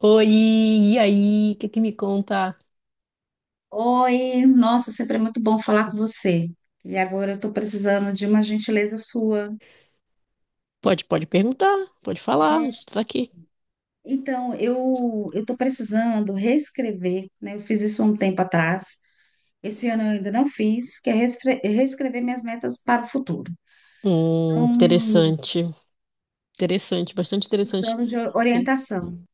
Oi, e aí? O que que me conta? Oi, nossa, sempre é muito bom falar com você. E agora eu estou precisando de uma gentileza sua. Pode perguntar, pode falar, a gente tá aqui. Então, eu estou precisando reescrever, né? Eu fiz isso há um tempo atrás. Esse ano eu ainda não fiz, que é reescrever minhas metas para o futuro. Então, Interessante, interessante, bastante interessante. precisando de E orientação.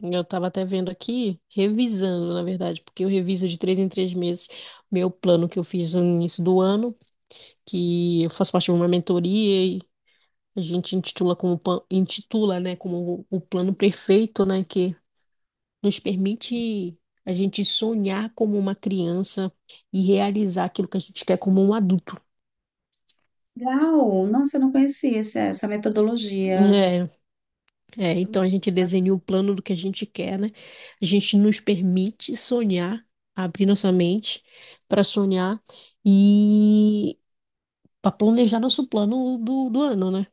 Eu tava até vendo aqui, revisando, na verdade, porque eu reviso de 3 em 3 meses meu plano que eu fiz no início do ano, que eu faço parte de uma mentoria e a gente intitula, né, como o plano perfeito, né, que nos permite a gente sonhar como uma criança e realizar aquilo que a gente quer como um adulto. Legal! Nossa, eu não conhecia essa metodologia. É, é, então a gente desenha o plano do que a gente quer, né? A gente nos permite sonhar, abrir nossa mente para sonhar e para planejar nosso plano do ano, né?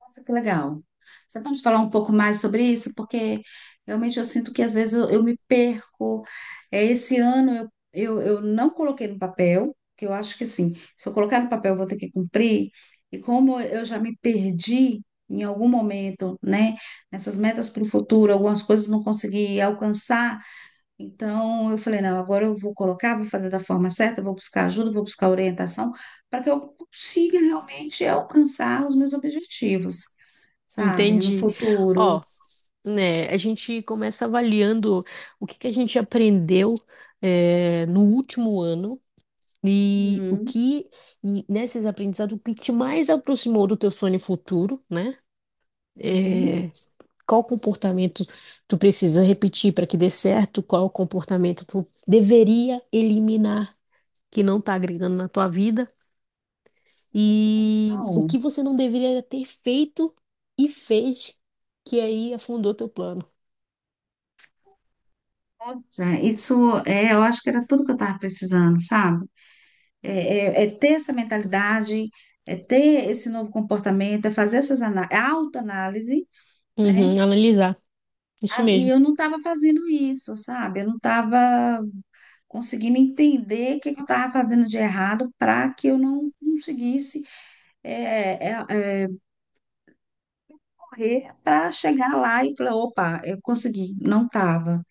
Nossa, que legal. Você pode falar um pouco mais sobre isso? Porque realmente eu sinto que às vezes eu me perco. É, esse ano eu não coloquei no papel, que eu acho que sim, se eu colocar no papel eu vou ter que cumprir. E como eu já me perdi em algum momento, né, nessas metas para o futuro, algumas coisas não consegui alcançar. Então, eu falei, não, agora eu vou colocar, vou fazer da forma certa, vou buscar ajuda, vou buscar orientação, para que eu consiga realmente alcançar os meus objetivos, sabe? No Entende? Ó, futuro. né, a gente começa avaliando o que que a gente aprendeu, é, no último ano. E o Hum, que, e nesses aprendizados, o que te mais aproximou do teu sonho futuro, né? sim, É, qual comportamento tu precisa repetir para que dê certo? Qual comportamento tu deveria eliminar que não está agregando na tua vida? que E o legal. que você não deveria ter feito e fez que aí afundou teu plano? Poxa, isso é, eu acho que era tudo que eu estava precisando, sabe? É, é ter essa mentalidade, é ter esse novo comportamento, é fazer essas ana- é autoanálise, né? Uhum, analisar, isso Ah, e mesmo. eu não estava fazendo isso, sabe? Eu não estava conseguindo entender o que, que eu estava fazendo de errado para que eu não conseguisse é, é, é, correr para chegar lá e falar, opa, eu consegui, não estava,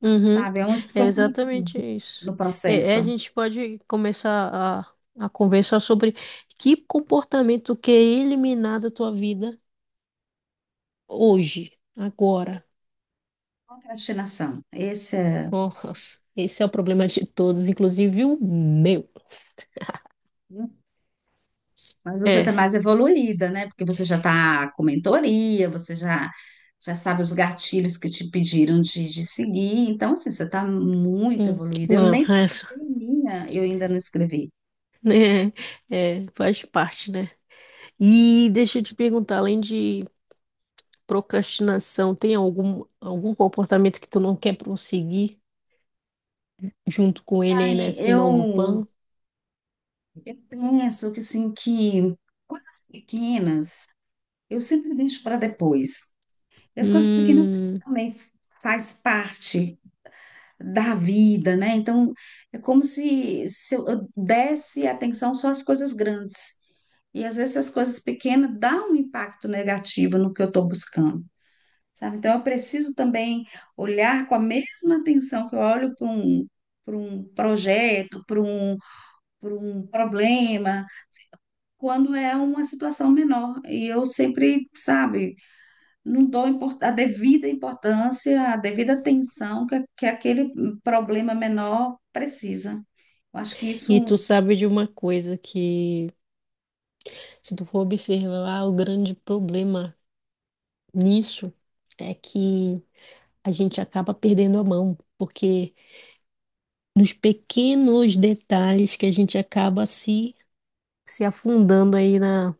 Uhum. sabe? É, onde que É foi que eu exatamente errei isso. no É, é, a processo? gente pode começar a conversar sobre que comportamento quer eliminar da tua vida hoje, agora. Procrastinação. Esse é. Nossa, esse é o problema de todos, inclusive o meu. um, Mas você É, está mais evoluída, né? Porque você já está com mentoria, você já sabe os gatilhos que te pediram de seguir. Então, assim, você está muito hum, evoluída. Eu não, nem é, escrevi minha, eu ainda não escrevi. né, é, faz parte, né? E deixa eu te perguntar, além de procrastinação, tem algum comportamento que tu não quer prosseguir junto com ele aí Ai, nesse novo eu plano? Eu penso que, assim, que coisas pequenas eu sempre deixo para depois. E as coisas pequenas Hum, também faz parte da vida, né? Então, é como se eu desse atenção só às coisas grandes. E às vezes as coisas pequenas dão um impacto negativo no que eu estou buscando, sabe? Então, eu preciso também olhar com a mesma atenção que eu olho para um projeto, para um problema quando é uma situação menor. E eu sempre, sabe, não dou a devida importância, a devida atenção que aquele problema menor precisa. Eu acho que e tu isso. sabe de uma coisa que, se tu for observar, o grande problema nisso é que a gente acaba perdendo a mão, porque nos pequenos detalhes que a gente acaba se afundando aí na,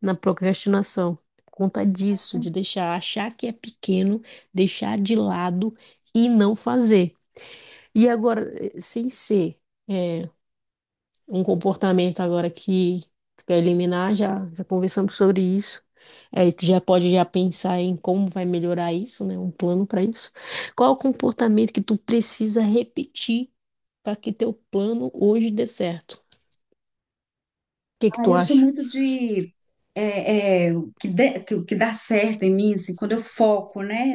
na procrastinação. Por conta disso, de deixar, achar que é pequeno, deixar de lado e não fazer. E agora, sem ser. eh, Um comportamento agora que tu quer eliminar, já conversamos sobre isso. Aí tu já pode já pensar em como vai melhorar isso, né? Um plano para isso. Qual é o comportamento que tu precisa repetir para que teu plano hoje dê certo? O que que Ah, tu eu sou acha? muito de. O que dá certo em mim, assim, quando eu foco, né,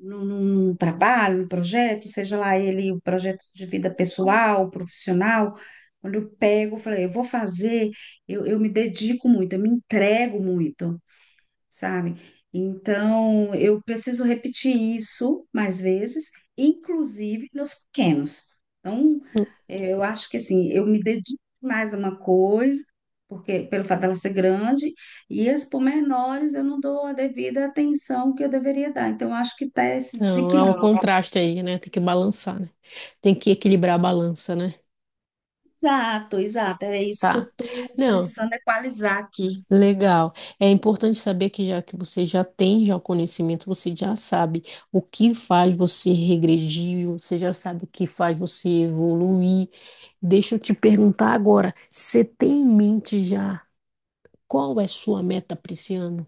num trabalho, num projeto, seja lá ele o projeto de vida pessoal, profissional, quando eu pego, eu falei, eu vou fazer, eu me dedico muito, eu me entrego muito, sabe? Então, eu preciso repetir isso mais vezes, inclusive nos pequenos. Então, eu acho que assim, eu me dedico mais a uma coisa, porque pelo fato dela ser grande, e as pormenores eu não dou a devida atenção que eu deveria dar. Então, eu acho que está esse Não, há um desequilíbrio. Então, contraste aí, né? Tem que balançar, né? Tem que equilibrar a balança, né? exato, exato, era isso que eu Tá. estou Não, precisando equalizar aqui. legal. É importante saber que já que você já tem já o conhecimento, você já sabe o que faz você regredir, você já sabe o que faz você evoluir. Deixa eu te perguntar agora, você tem em mente já qual é sua meta para esse ano?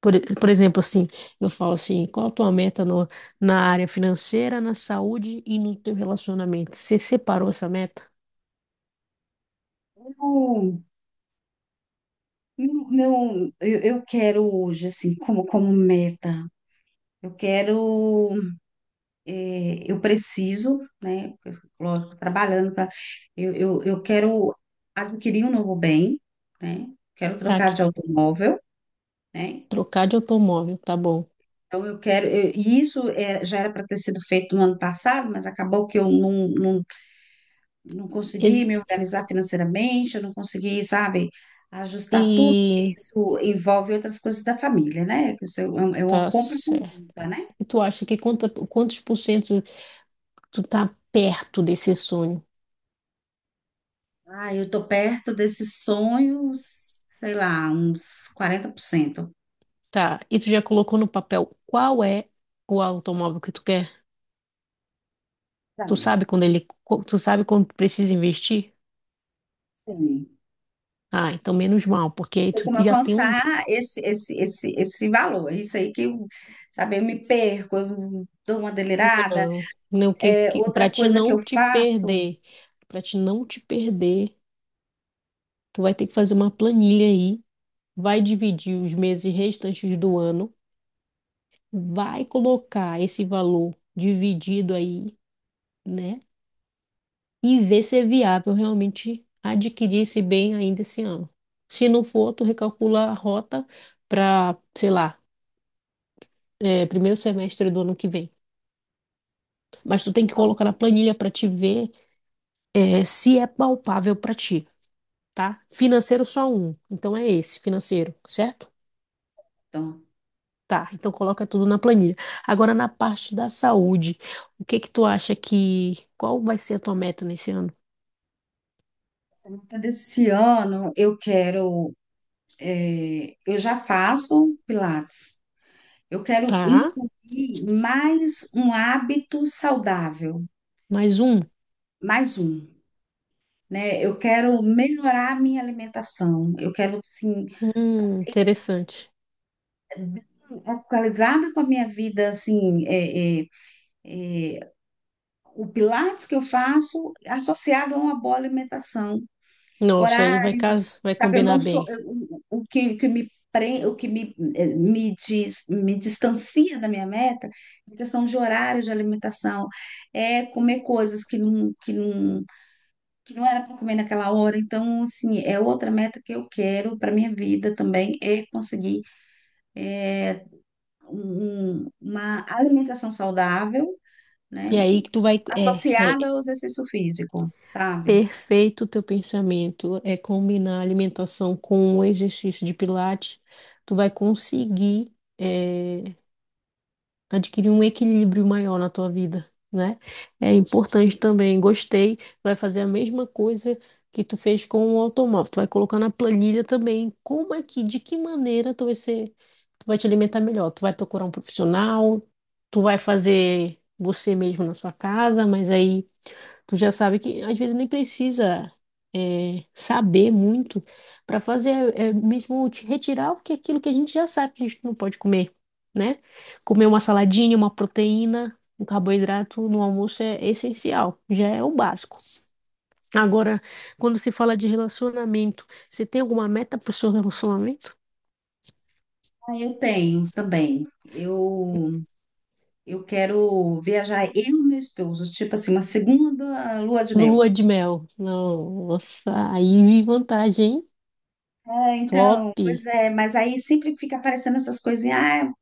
Por exemplo, assim, eu falo assim, qual a tua meta na área financeira, na saúde e no teu relacionamento? Você separou essa meta? Eu, eu quero hoje, assim, como meta, eu quero. Eu preciso, né? Lógico, trabalhando, tá? Eu quero adquirir um novo bem, né? Quero Tá, trocar que de automóvel, né? trocar de automóvel, tá bom. Então, eu quero. E isso é, já era para ter sido feito no ano passado, mas acabou que eu não E, consegui me organizar financeiramente, eu não consegui, sabe, ajustar tudo, porque e isso envolve outras coisas da família, né? Que isso é uma tá compra certo. conjunta, né? E tu acha que quantos por cento tu tá perto desse sonho? Ah, eu tô perto desses sonhos, sei lá, uns 40%. Tá, e tu já colocou no papel qual é o automóvel que tu quer? Tá, Tu sabe quando tu precisa investir? sim. Ah, então menos mal, porque aí Tem tu como já tem um, alcançar esse valor. É, isso aí que eu, sabe, eu me perco, eu dou uma delirada. não, né, o que, É, que para outra te coisa que não eu te faço, perder, para te não te perder, tu vai ter que fazer uma planilha aí, vai dividir os meses restantes do ano, vai colocar esse valor dividido aí, né? E ver se é viável realmente adquirir esse bem ainda esse ano. Se não for, tu recalcula a rota para, sei lá, é, primeiro semestre do ano que vem. Mas tu tem que colocar na planilha para te ver, é, se é palpável para ti, tá? Financeiro só um, então é esse, financeiro, certo? Dalton, Tá, então coloca tudo na planilha. Agora na parte da saúde, o que que tu acha que, qual vai ser a tua meta nesse ano? essa meta desse ano, eu quero, eu já faço Pilates. Eu quero Tá, incluir mais um hábito saudável, mais um. mais um. Né? Eu quero melhorar a minha alimentação, eu quero, assim, Interessante. atualizada com a minha vida, assim, o Pilates que eu faço associado a uma boa alimentação, Nossa, aí vai casar, horários, vai sabe? Eu combinar não sou, bem. O que, o que me pre- o que me, me, diz, me distancia da minha meta, é questão de horário de alimentação, é comer coisas que não era para comer naquela hora. Então, assim, é outra meta que eu quero para minha vida também, é conseguir é, uma alimentação saudável, E né, aí que tu vai, é, é associada ao exercício físico, sabe? perfeito o teu pensamento, é combinar a alimentação com o exercício de pilates, tu vai conseguir, é, adquirir um equilíbrio maior na tua vida, né? É importante também. Gostei, vai fazer a mesma coisa que tu fez com o automóvel. Tu vai colocar na planilha também como é que, de que maneira tu vai te alimentar melhor. Tu vai procurar um profissional, tu vai fazer você mesmo na sua casa, mas aí tu já sabe que às vezes nem precisa, é, saber muito para fazer, é, mesmo te retirar o que é aquilo que a gente já sabe que a gente não pode comer, né? Comer uma saladinha, uma proteína, um carboidrato no almoço é essencial, já é o básico. Agora, quando se fala de relacionamento, você tem alguma meta para o seu relacionamento? Ah, eu tenho também. Eu quero viajar eu e meu esposo, tipo assim, uma segunda lua de mel. Lua de mel. Nossa, aí vi vantagem, hein? Ah, Top! então, pois é, mas aí sempre fica aparecendo essas coisinhas, ah,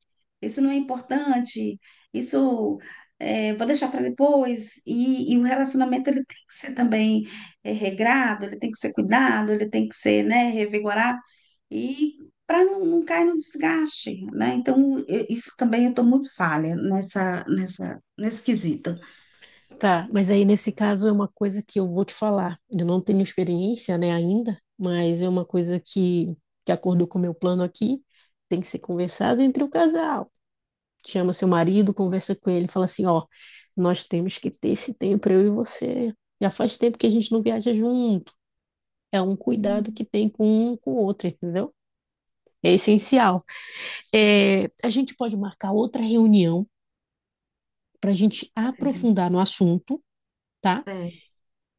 isso não é importante, isso vou deixar para depois. E o relacionamento ele tem que ser também regrado, ele tem que ser cuidado, ele tem que ser, né, revigorado e para não cair no desgaste, né? Então, isso também eu estou muito falha nesse quesito. Tá, mas aí nesse caso é uma coisa que eu vou te falar. Eu não tenho experiência, né, ainda, mas é uma coisa que acordou com o meu plano aqui, tem que ser conversado entre o casal. Chama seu marido, conversa com ele, fala assim, ó, nós temos que ter esse tempo, eu e você. Já faz tempo que a gente não viaja junto. É um cuidado Hum, que tem com um com o outro, entendeu? É essencial. É, a gente pode marcar outra reunião para a gente Maravilha. aprofundar no assunto, tá? É,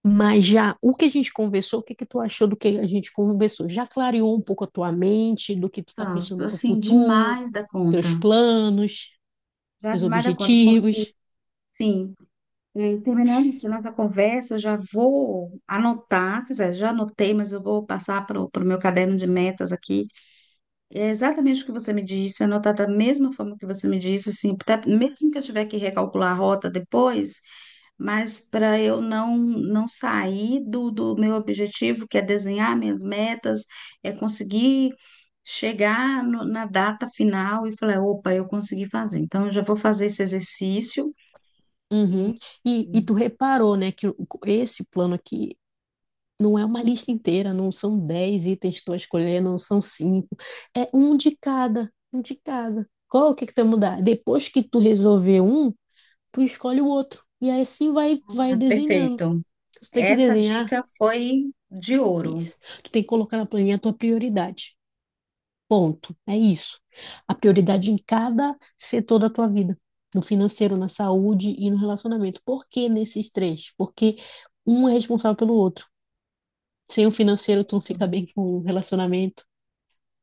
Mas já o que a gente conversou, o que que tu achou do que a gente conversou? Já clareou um pouco a tua mente, do que tu tá são, pensando para o assim, futuro, demais da conta. teus planos, Já teus demais da conta, porque objetivos? sim. É, terminando aqui nossa conversa, eu já vou anotar, quer dizer, já anotei, mas eu vou passar para o meu caderno de metas aqui. É exatamente o que você me disse, anotar da mesma forma que você me disse, assim, até mesmo que eu tiver que recalcular a rota depois, mas para eu não sair do meu objetivo, que é desenhar minhas metas, é conseguir chegar na data final e falar, opa, eu consegui fazer. Então, eu já vou fazer esse exercício. e- Uhum. E tu reparou, né, que esse plano aqui não é uma lista inteira, não são 10 itens que tu vai escolher, não são cinco, é um de cada, um de cada. Qual é o que que tu vai mudar? Depois que tu resolver um, tu escolhe o outro. E aí assim vai Ah, desenhando. perfeito. Tu tem que Essa desenhar. dica foi de ouro. Isso. Tu tem que colocar na planilha a tua prioridade. Ponto. É isso. A prioridade em cada setor da tua vida. No financeiro, na saúde e no relacionamento. Por que nesses três? Porque um é responsável pelo outro. Sem o financeiro, tu não fica bem com o relacionamento.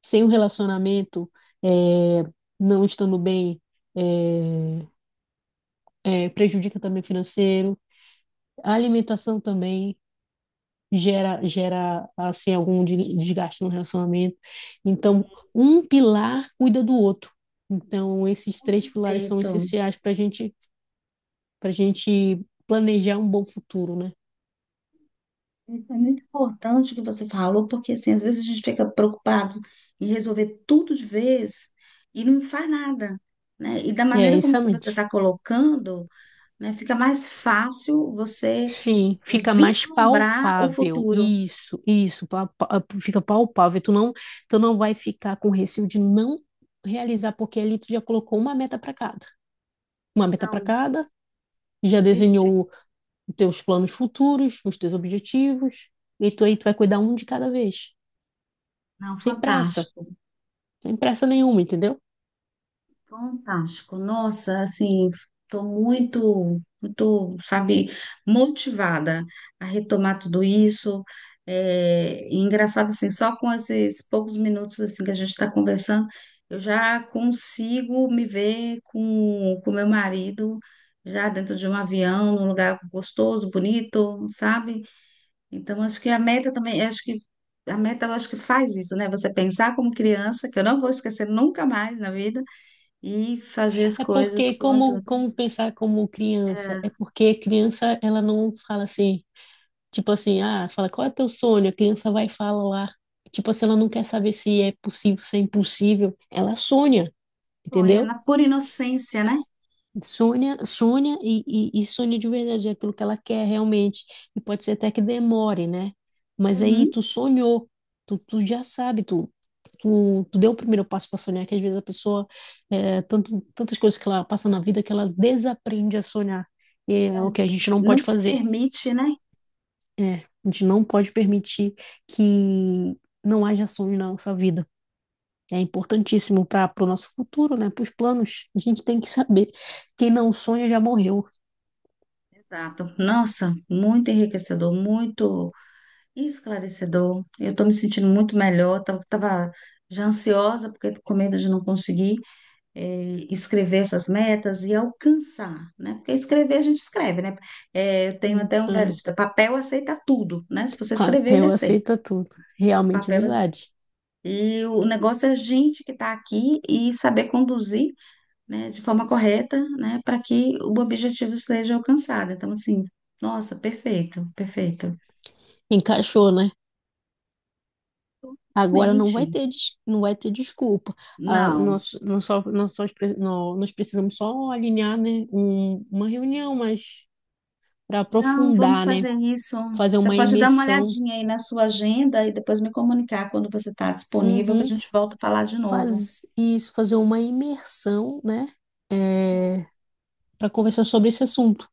Sem o relacionamento, é, não estando bem, é, é, prejudica também o financeiro. A alimentação também gera assim, algum desgaste no relacionamento. Então, um pilar cuida do outro. Então, esses três pilares são Perfeito. essenciais para gente planejar um bom futuro, né? Isso é muito importante o que você falou, porque assim, às vezes a gente fica preocupado em resolver tudo de vez e não faz nada, né? E da É, maneira como que você exatamente. está colocando, né, fica mais fácil você Sim, fica mais vislumbrar o palpável. futuro. Isso, fica palpável. Tu não vai ficar com receio de não realizar, porque ali tu já colocou uma meta para cada. Uma meta para Não, cada, já perfeito. desenhou. Então, os teus planos futuros, os teus objetivos, e tu aí tu vai cuidar um de cada vez, Não, sem pressa, fantástico. sem pressa nenhuma, entendeu? Fantástico. Nossa, assim, estou muito, muito, sabe, motivada a retomar tudo isso. É, e engraçado, assim, só com esses poucos minutos assim que a gente está conversando, eu já consigo me ver com o meu marido já dentro de um avião, num lugar gostoso, bonito, sabe? Então, acho que a meta também, acho que a meta, eu acho que faz isso, né? Você pensar como criança, que eu não vou esquecer nunca mais na vida e fazer as É coisas porque como como adulto. como pensar como criança, É, é porque criança ela não fala assim, tipo assim, ah, fala qual é teu sonho, a criança vai falar, tipo assim, ela não quer saber se é possível, se é impossível, ela sonha, bom, é entendeu? na pura inocência, né? Sônia, Sônia e Sônia de verdade, é aquilo que ela quer realmente. E pode ser até que demore, né? Mas aí Uhum. tu sonhou, tu já sabe, tu deu o primeiro passo para sonhar, que às vezes a pessoa, é, tantas coisas que ela passa na vida que ela desaprende a sonhar. E É. é o que a gente não pode Não se fazer. permite, né? É, a gente não pode permitir que não haja sonho na nossa vida. É importantíssimo para o nosso futuro, né? Para os planos. A gente tem que saber que quem não sonha já morreu. Exato. Nossa, muito enriquecedor, muito esclarecedor. Eu estou me sentindo muito melhor. Tava já ansiosa, porque tô com medo de não conseguir escrever essas metas e alcançar, né? Porque escrever a gente escreve, né? Eu tenho até um velho Então, ditado, papel aceita tudo, né? Se você escrever, ele papel aceita. aceita tudo. Realmente é Papel verdade. E o negócio é a gente que está aqui e saber conduzir, né, de forma correta, né, para que o objetivo seja alcançado. Então, assim, nossa, perfeito, perfeito. Encaixou, né? Agora não vai Realmente, ter, não vai ter desculpa. Ah, não, nós precisamos só alinhar, né, uma reunião, mas para não, vamos aprofundar, né? fazer isso. Fazer Você uma pode dar uma imersão. olhadinha aí na sua agenda e depois me comunicar quando você está disponível, que a Uhum. gente volta a falar de novo. Faz isso, fazer uma imersão, né? Sim, Para conversar sobre esse assunto. O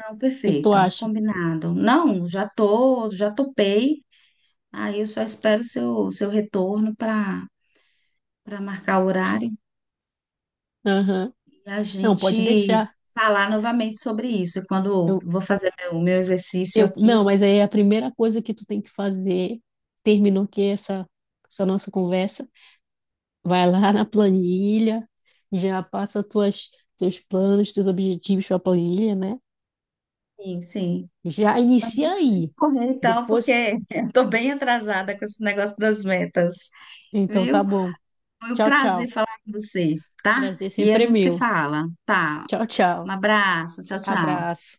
não, que que tu perfeito, acha? combinado. Não, já tô, já topei. Aí eu só espero o seu retorno para marcar o horário. Aham. E a Não, gente pode deixar. falar novamente sobre isso quando eu vou fazer o meu exercício Eu, aqui. não, mas aí a primeira coisa que tu tem que fazer, terminou aqui essa nossa conversa, vai lá na planilha, já passa teus planos, teus objetivos para a planilha, né? Sim, sim. Já inicia aí. Correr então, porque Depois, estou bem atrasada com esse negócio das metas, então tá viu? bom. Foi um Tchau, prazer tchau. falar com você, tá? Prazer E a sempre é gente se meu. fala, tá? Tchau, tchau. Um abraço, tchau, tchau. Abraço.